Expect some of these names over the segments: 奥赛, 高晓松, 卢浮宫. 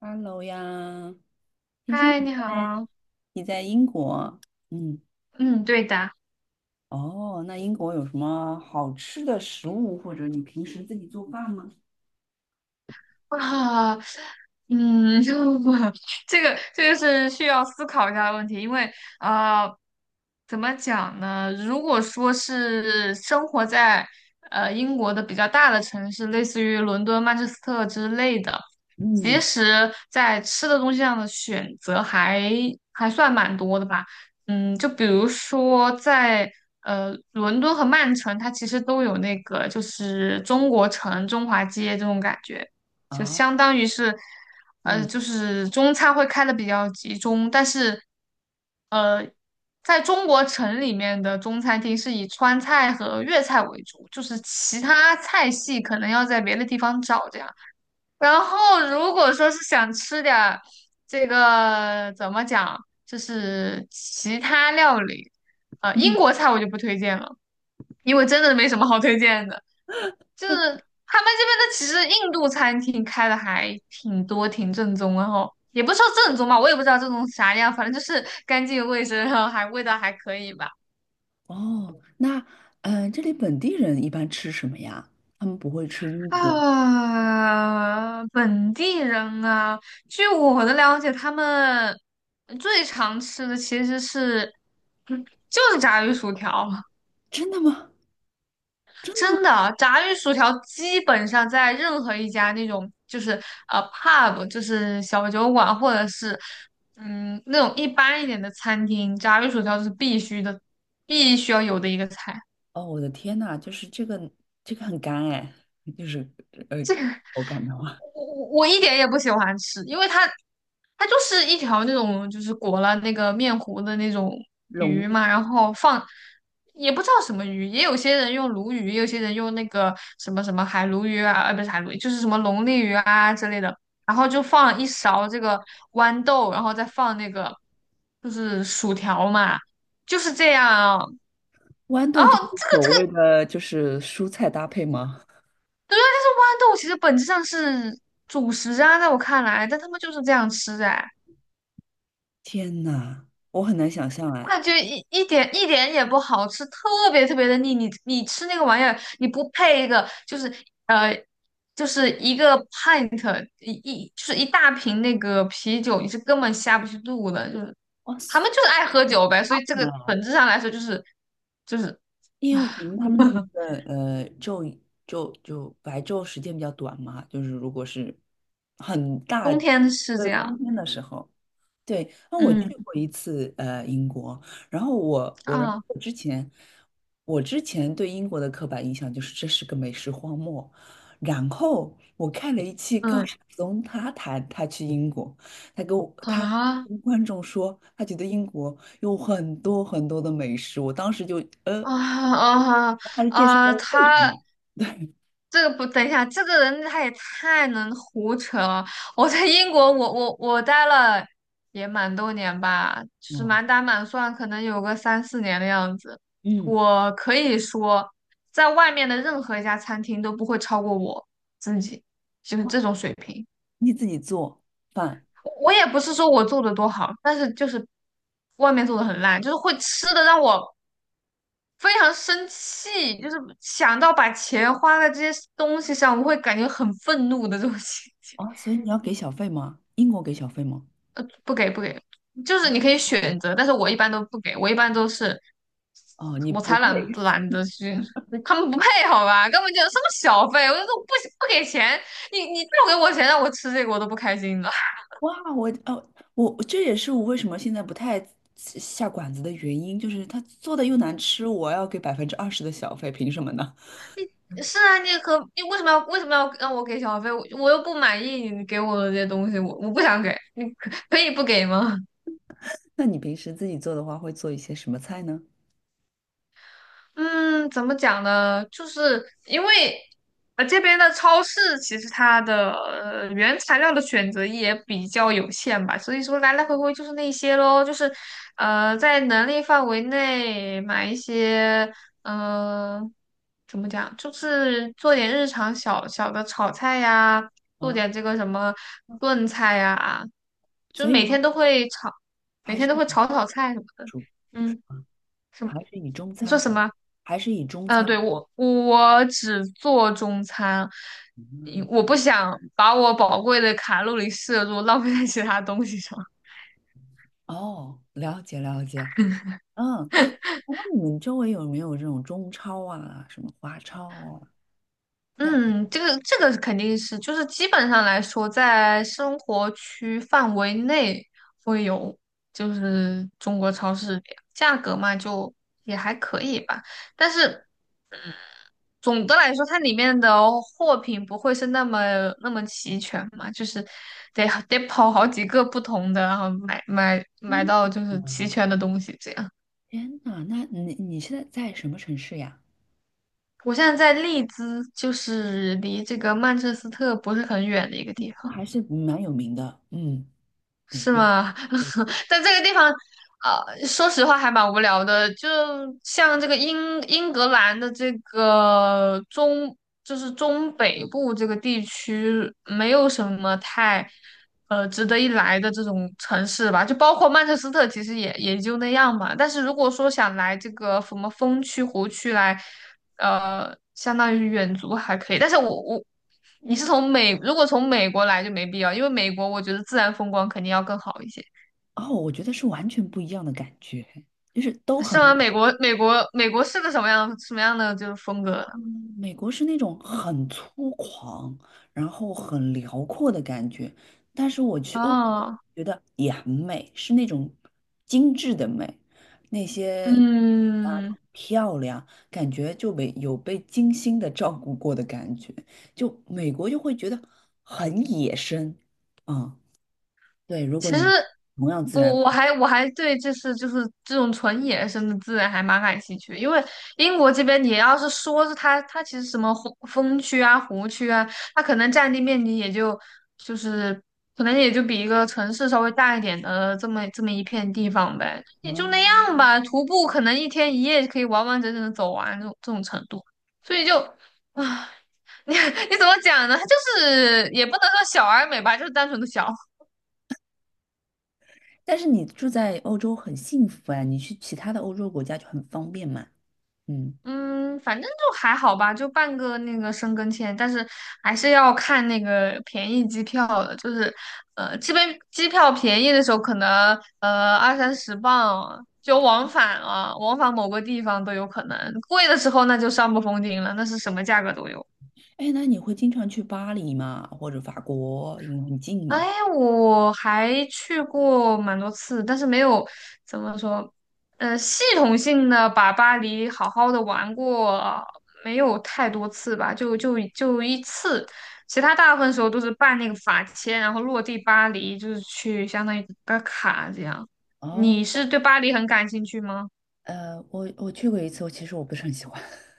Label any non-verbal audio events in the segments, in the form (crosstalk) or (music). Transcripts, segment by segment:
Hello 呀，听说嗨，你在好。你在英国，嗯，嗯，对的。哦，那英国有什么好吃的食物，或者你平时自己做饭吗？啊，嗯，(laughs) 这个是需要思考一下的问题，因为呃，怎么讲呢？如果说是生活在英国的比较大的城市，类似于伦敦、曼彻斯特之类的，其嗯，实在吃的东西上的选择还算蛮多的吧。就比如说在伦敦和曼城，它其实都有那个就是中国城、中华街这种感觉。就啊，相当于是，嗯就是中餐会开的比较集中，但是呃，在中国城里面的中餐厅是以川菜和粤菜为主，就是其他菜系可能要在别的地方找这样。然后如果说是想吃点儿这个怎么讲，就是其他料理，英嗯，国菜我就不推荐了，因为真的没什么好推荐的。就是他们这边的其实印度餐厅开的还挺多，挺正宗然后也不说正宗吧，我也不知道正宗啥样，反正就是干净卫生，然后还味道还可以吧。哦，那这里本地人一般吃什么呀？他们不会吃英国，本地人啊，据我的了解，他们最常吃的其实是，就是炸鱼薯条。(laughs) 真的吗？真的？真的啊，炸鱼薯条基本上在任何一家那种就是pub，就是小酒馆，或者是那种一般一点的餐厅，炸鱼薯条是必须的，必须要有的一个菜。哦，我的天呐，就是这个很干哎，就是呃口感的话，我一点也不喜欢吃，因为它就是一条那种就是裹了那个面糊的那种龙鱼利嘛，然后放也不知道什么鱼，也有些人用鲈鱼，也有些人用那个什么什么海鲈鱼啊，不是海鲈鱼，就是什么龙利鱼啊之类的，然后就放了一勺这个豌豆，然后再放那个就是薯条嘛，就是这样啊。豌然豆后就是所谓的就是蔬菜搭配吗？对啊，但是豌豆其实本质上是主食啊，在我看来，但他们就是这样吃哎。天呐，我很难想象我哎，感觉一点也不好吃，特别特别的腻。你吃那个玩意儿，你不配一个，就是呃，就是一个 pint 就是一大瓶那个啤酒，你是根本下不去肚的。就是哇他塞！们就是爱喝酒呗，所以这个本质上来说就是，因为我可能他们的那 (laughs) 个呃昼昼就白昼时间比较短嘛，就是如果是很大冬天是的这样，冬天的时候，对，那我嗯去过一次英国，然后啊我之前对英国的刻板印象就是这是个美食荒漠，然后我看了一期高嗯晓松，他谈他去英国，他跟我他啊跟观众说他觉得英国有很多很多的美食，我当时就呃，啊啊他是介绍啊，了为什他。么，对，这个不，等一下，这个人他也太能胡扯了。我在英国，我待了也蛮多年吧，就是嗯满打满算可能有个三四年的样子。嗯，我可以说，在外面的任何一家餐厅都不会超过我自己，就是这种哦水平。你自己做饭我也不是说我做的多好，但是就是外面做的很烂，就是会吃的让我，非常生气，就是想到把钱花在这些东西上，我会感觉很愤怒的这种心情。啊，哦所以你要给小费吗？英国给小费吗？不给不给，就是你可以选择，但是我一般都不给，我一般都是哦，你我不才配。懒得去，他们不配好吧？根本就什么小费，我就说不给钱，你不给我钱让我吃这个我都不开心了。哇，哦，我这也是我为什么现在不太下馆子的原因，就是他做的又难吃，我要给20%的小费，凭什么呢？(laughs) 是啊，你为什么要让我给小费？我又不满意你给我的这些东西，我不想给，你可以不给吗？(laughs) 那你平时自己做的话，会做一些什么菜呢？嗯，怎么讲呢？就是因为这边的超市其实它的原材料的选择也比较有限吧，所以说来来回回就是那些咯，就是在能力范围内买一些嗯、呃怎么讲，就是做点日常小小的炒菜呀，做啊，点这个什么炖菜呀，就所是以每天都会炒，每还天是都会炒菜什么的。嗯，什么？还是以中你说餐什为，么？还是以中嗯，餐。对，我只做中餐，因我不想把我宝贵的卡路里摄入浪费在其他东西上。(laughs) 哦，了解了解。嗯，那你们周围有没有这种中超啊，什么华超啊？呀，嗯，这个肯定是，就是基本上来说，在生活区范围内会有，就是中国超市这样价格嘛，就也还可以吧。但是总的来说，它里面的货品不会是那么齐全嘛，就是得跑好几个不同的，然后买到嗯就是齐全的东西这样。天呐，那你现在在什么城市呀？我现在在利兹，就是离这个曼彻斯特不是很远的一个地那方。还是蛮有名的，嗯，对，是吗？(laughs) 但这个地方，说实话还蛮无聊的。就像这个英格兰的这个中，就是中北部这个地区，没有什么太值得一来的这种城市吧。就包括曼彻斯特，其实也就那样嘛。但是如果说想来这个什么风区、湖区来。相当于远足还可以，但是我我你是从美，如果从美国来就没必要，因为美国我觉得自然风光肯定要更好一些。哦，我觉得是完全不一样的感觉，就是都是很，吗？美国是个什么样的就是风格呢？嗯美国是那种很粗犷，然后很辽阔的感觉，但是我去欧洲哦，觉得也很美，是那种精致的美，那些啊都嗯，很漂亮，感觉就被精心的照顾过的感觉，就美国就会觉得很野生，嗯，对，如果其实你同样自我然。我还我还对就是这种纯野生的自然还蛮感兴趣的，因为英国这边你要是说是它其实什么湖风区啊湖区啊，它可能占地面积也就就是可能也就比一个城市稍微大一点的这么一片地方呗，也就那啊，样吧。徒步可能一天一夜可以完完整整的走完这种程度，所以就啊，唉 (laughs) 你你怎么讲呢？它就是也不能说小而美吧，就是单纯的小。但是你住在欧洲很幸福啊，你去其他的欧洲国家就很方便嘛。嗯，嗯，反正就还好吧，就办个那个申根签，但是还是要看那个便宜机票的，就是这边机票便宜的时候可能二三十磅啊就往返啊，往返某个地方都有可能，贵的时候那就上不封顶了，那是什么价格都有。哎，那你会经常去巴黎吗？或者法国，因为很近哎，嘛。我还去过蛮多次，但是没有怎么说，系统性的把巴黎好好的玩过，没有太多次吧，就一次，其他大部分时候都是办那个法签，然后落地巴黎，就是去相当于打卡这样。哦，你是对巴黎很感兴趣吗？我去过一次，其实我不是很喜欢。(laughs)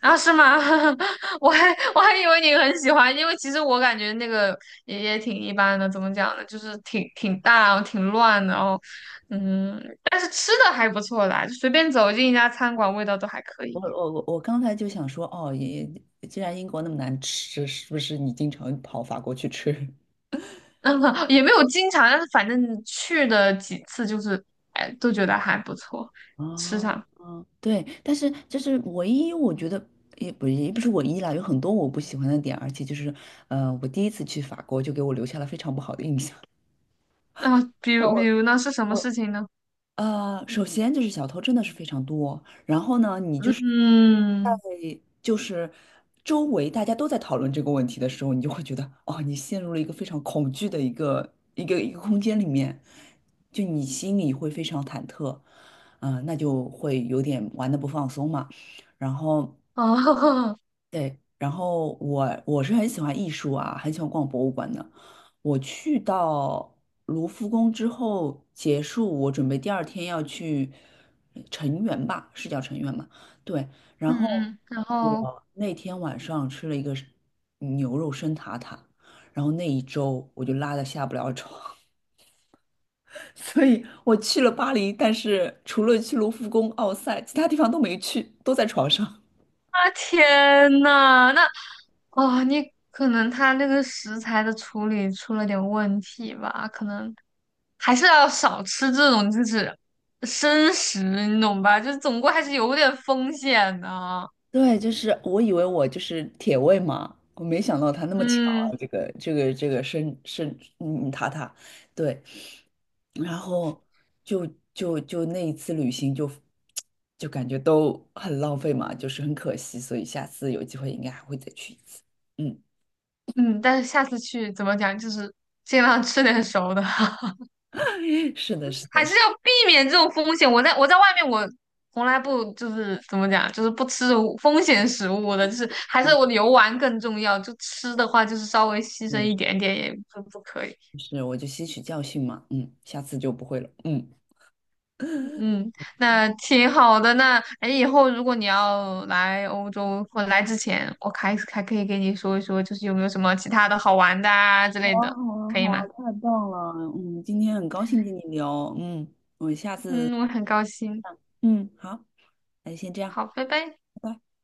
啊，是吗？(laughs) 我还我还以为你很喜欢，因为其实我感觉那个也挺一般的，怎么讲呢？就是挺大，然后挺乱的，然后但是吃的还不错啦，就随便走进一家餐馆，味道都还可以，我刚才就想说，哦，既然英国那么难吃，是不是你经常跑法国去吃？(laughs) 也没有经常，但是反正去的几次就是，哎，都觉得还不错，(laughs) 吃哦，上。对，但是这是唯一，我觉得也不是唯一啦，有很多我不喜欢的点，而且就是，我第一次去法国就给我留下了非常不好的印象。那、比然如后比我如呢，是什么事我情呢？呃，首先就是小偷真的是非常多，然后呢，你就是在嗯，就是周围大家都在讨论这个问题的时候，你就会觉得哦，你陷入了一个非常恐惧的一个空间里面，就你心里会非常忐忑，嗯、那就会有点玩的不放松嘛，然后。哦，(laughs) 对，然后我是很喜欢艺术啊，很喜欢逛博物馆的。我去到卢浮宫之后结束，我准备第二天要去成员吧，是叫成员嘛？对，然嗯后嗯，然后我那天晚上吃了一个是牛肉生塔塔，然后那一周我就拉的下不了床，(laughs) 所以我去了巴黎，但是除了去卢浮宫、奥赛，其他地方都没去，都在床上。啊，天呐，那哦，你可能他那个食材的处理出了点问题吧，可能还是要少吃这种就是生食，你懂吧？就是总归还是有点风险的啊。对，就是我以为我就是铁胃嘛，我没想到他那么强嗯啊，这个生塔塔，对，然后就就那一次旅行就感觉都很浪费嘛，就是很可惜，所以下次有机会应该还会再去一次。嗯，嗯，但是下次去怎么讲，就是尽量吃点熟的，(laughs) (laughs) 是的，是的，还是是的，要避免这种风险。我在外面，我从来不就是怎么讲，就是不吃风险食物的，就是还是嗯，我游玩更重要。就吃的话，就是稍微牺牲嗯一点点也不可以。是，我就吸取教训嘛，嗯，下次就不会了，嗯。嗯，那挺好的。那哎，以后如果你要来欧洲或者来之前，我还可以给你说一说，就是有没有什么其他的好玩的啊之好类啊，的，好啊，可以好啊，吗？太棒了！嗯，今天很高兴跟你聊，嗯嗯，我很高兴。嗯，好。那就先这样。好，拜拜。拜拜。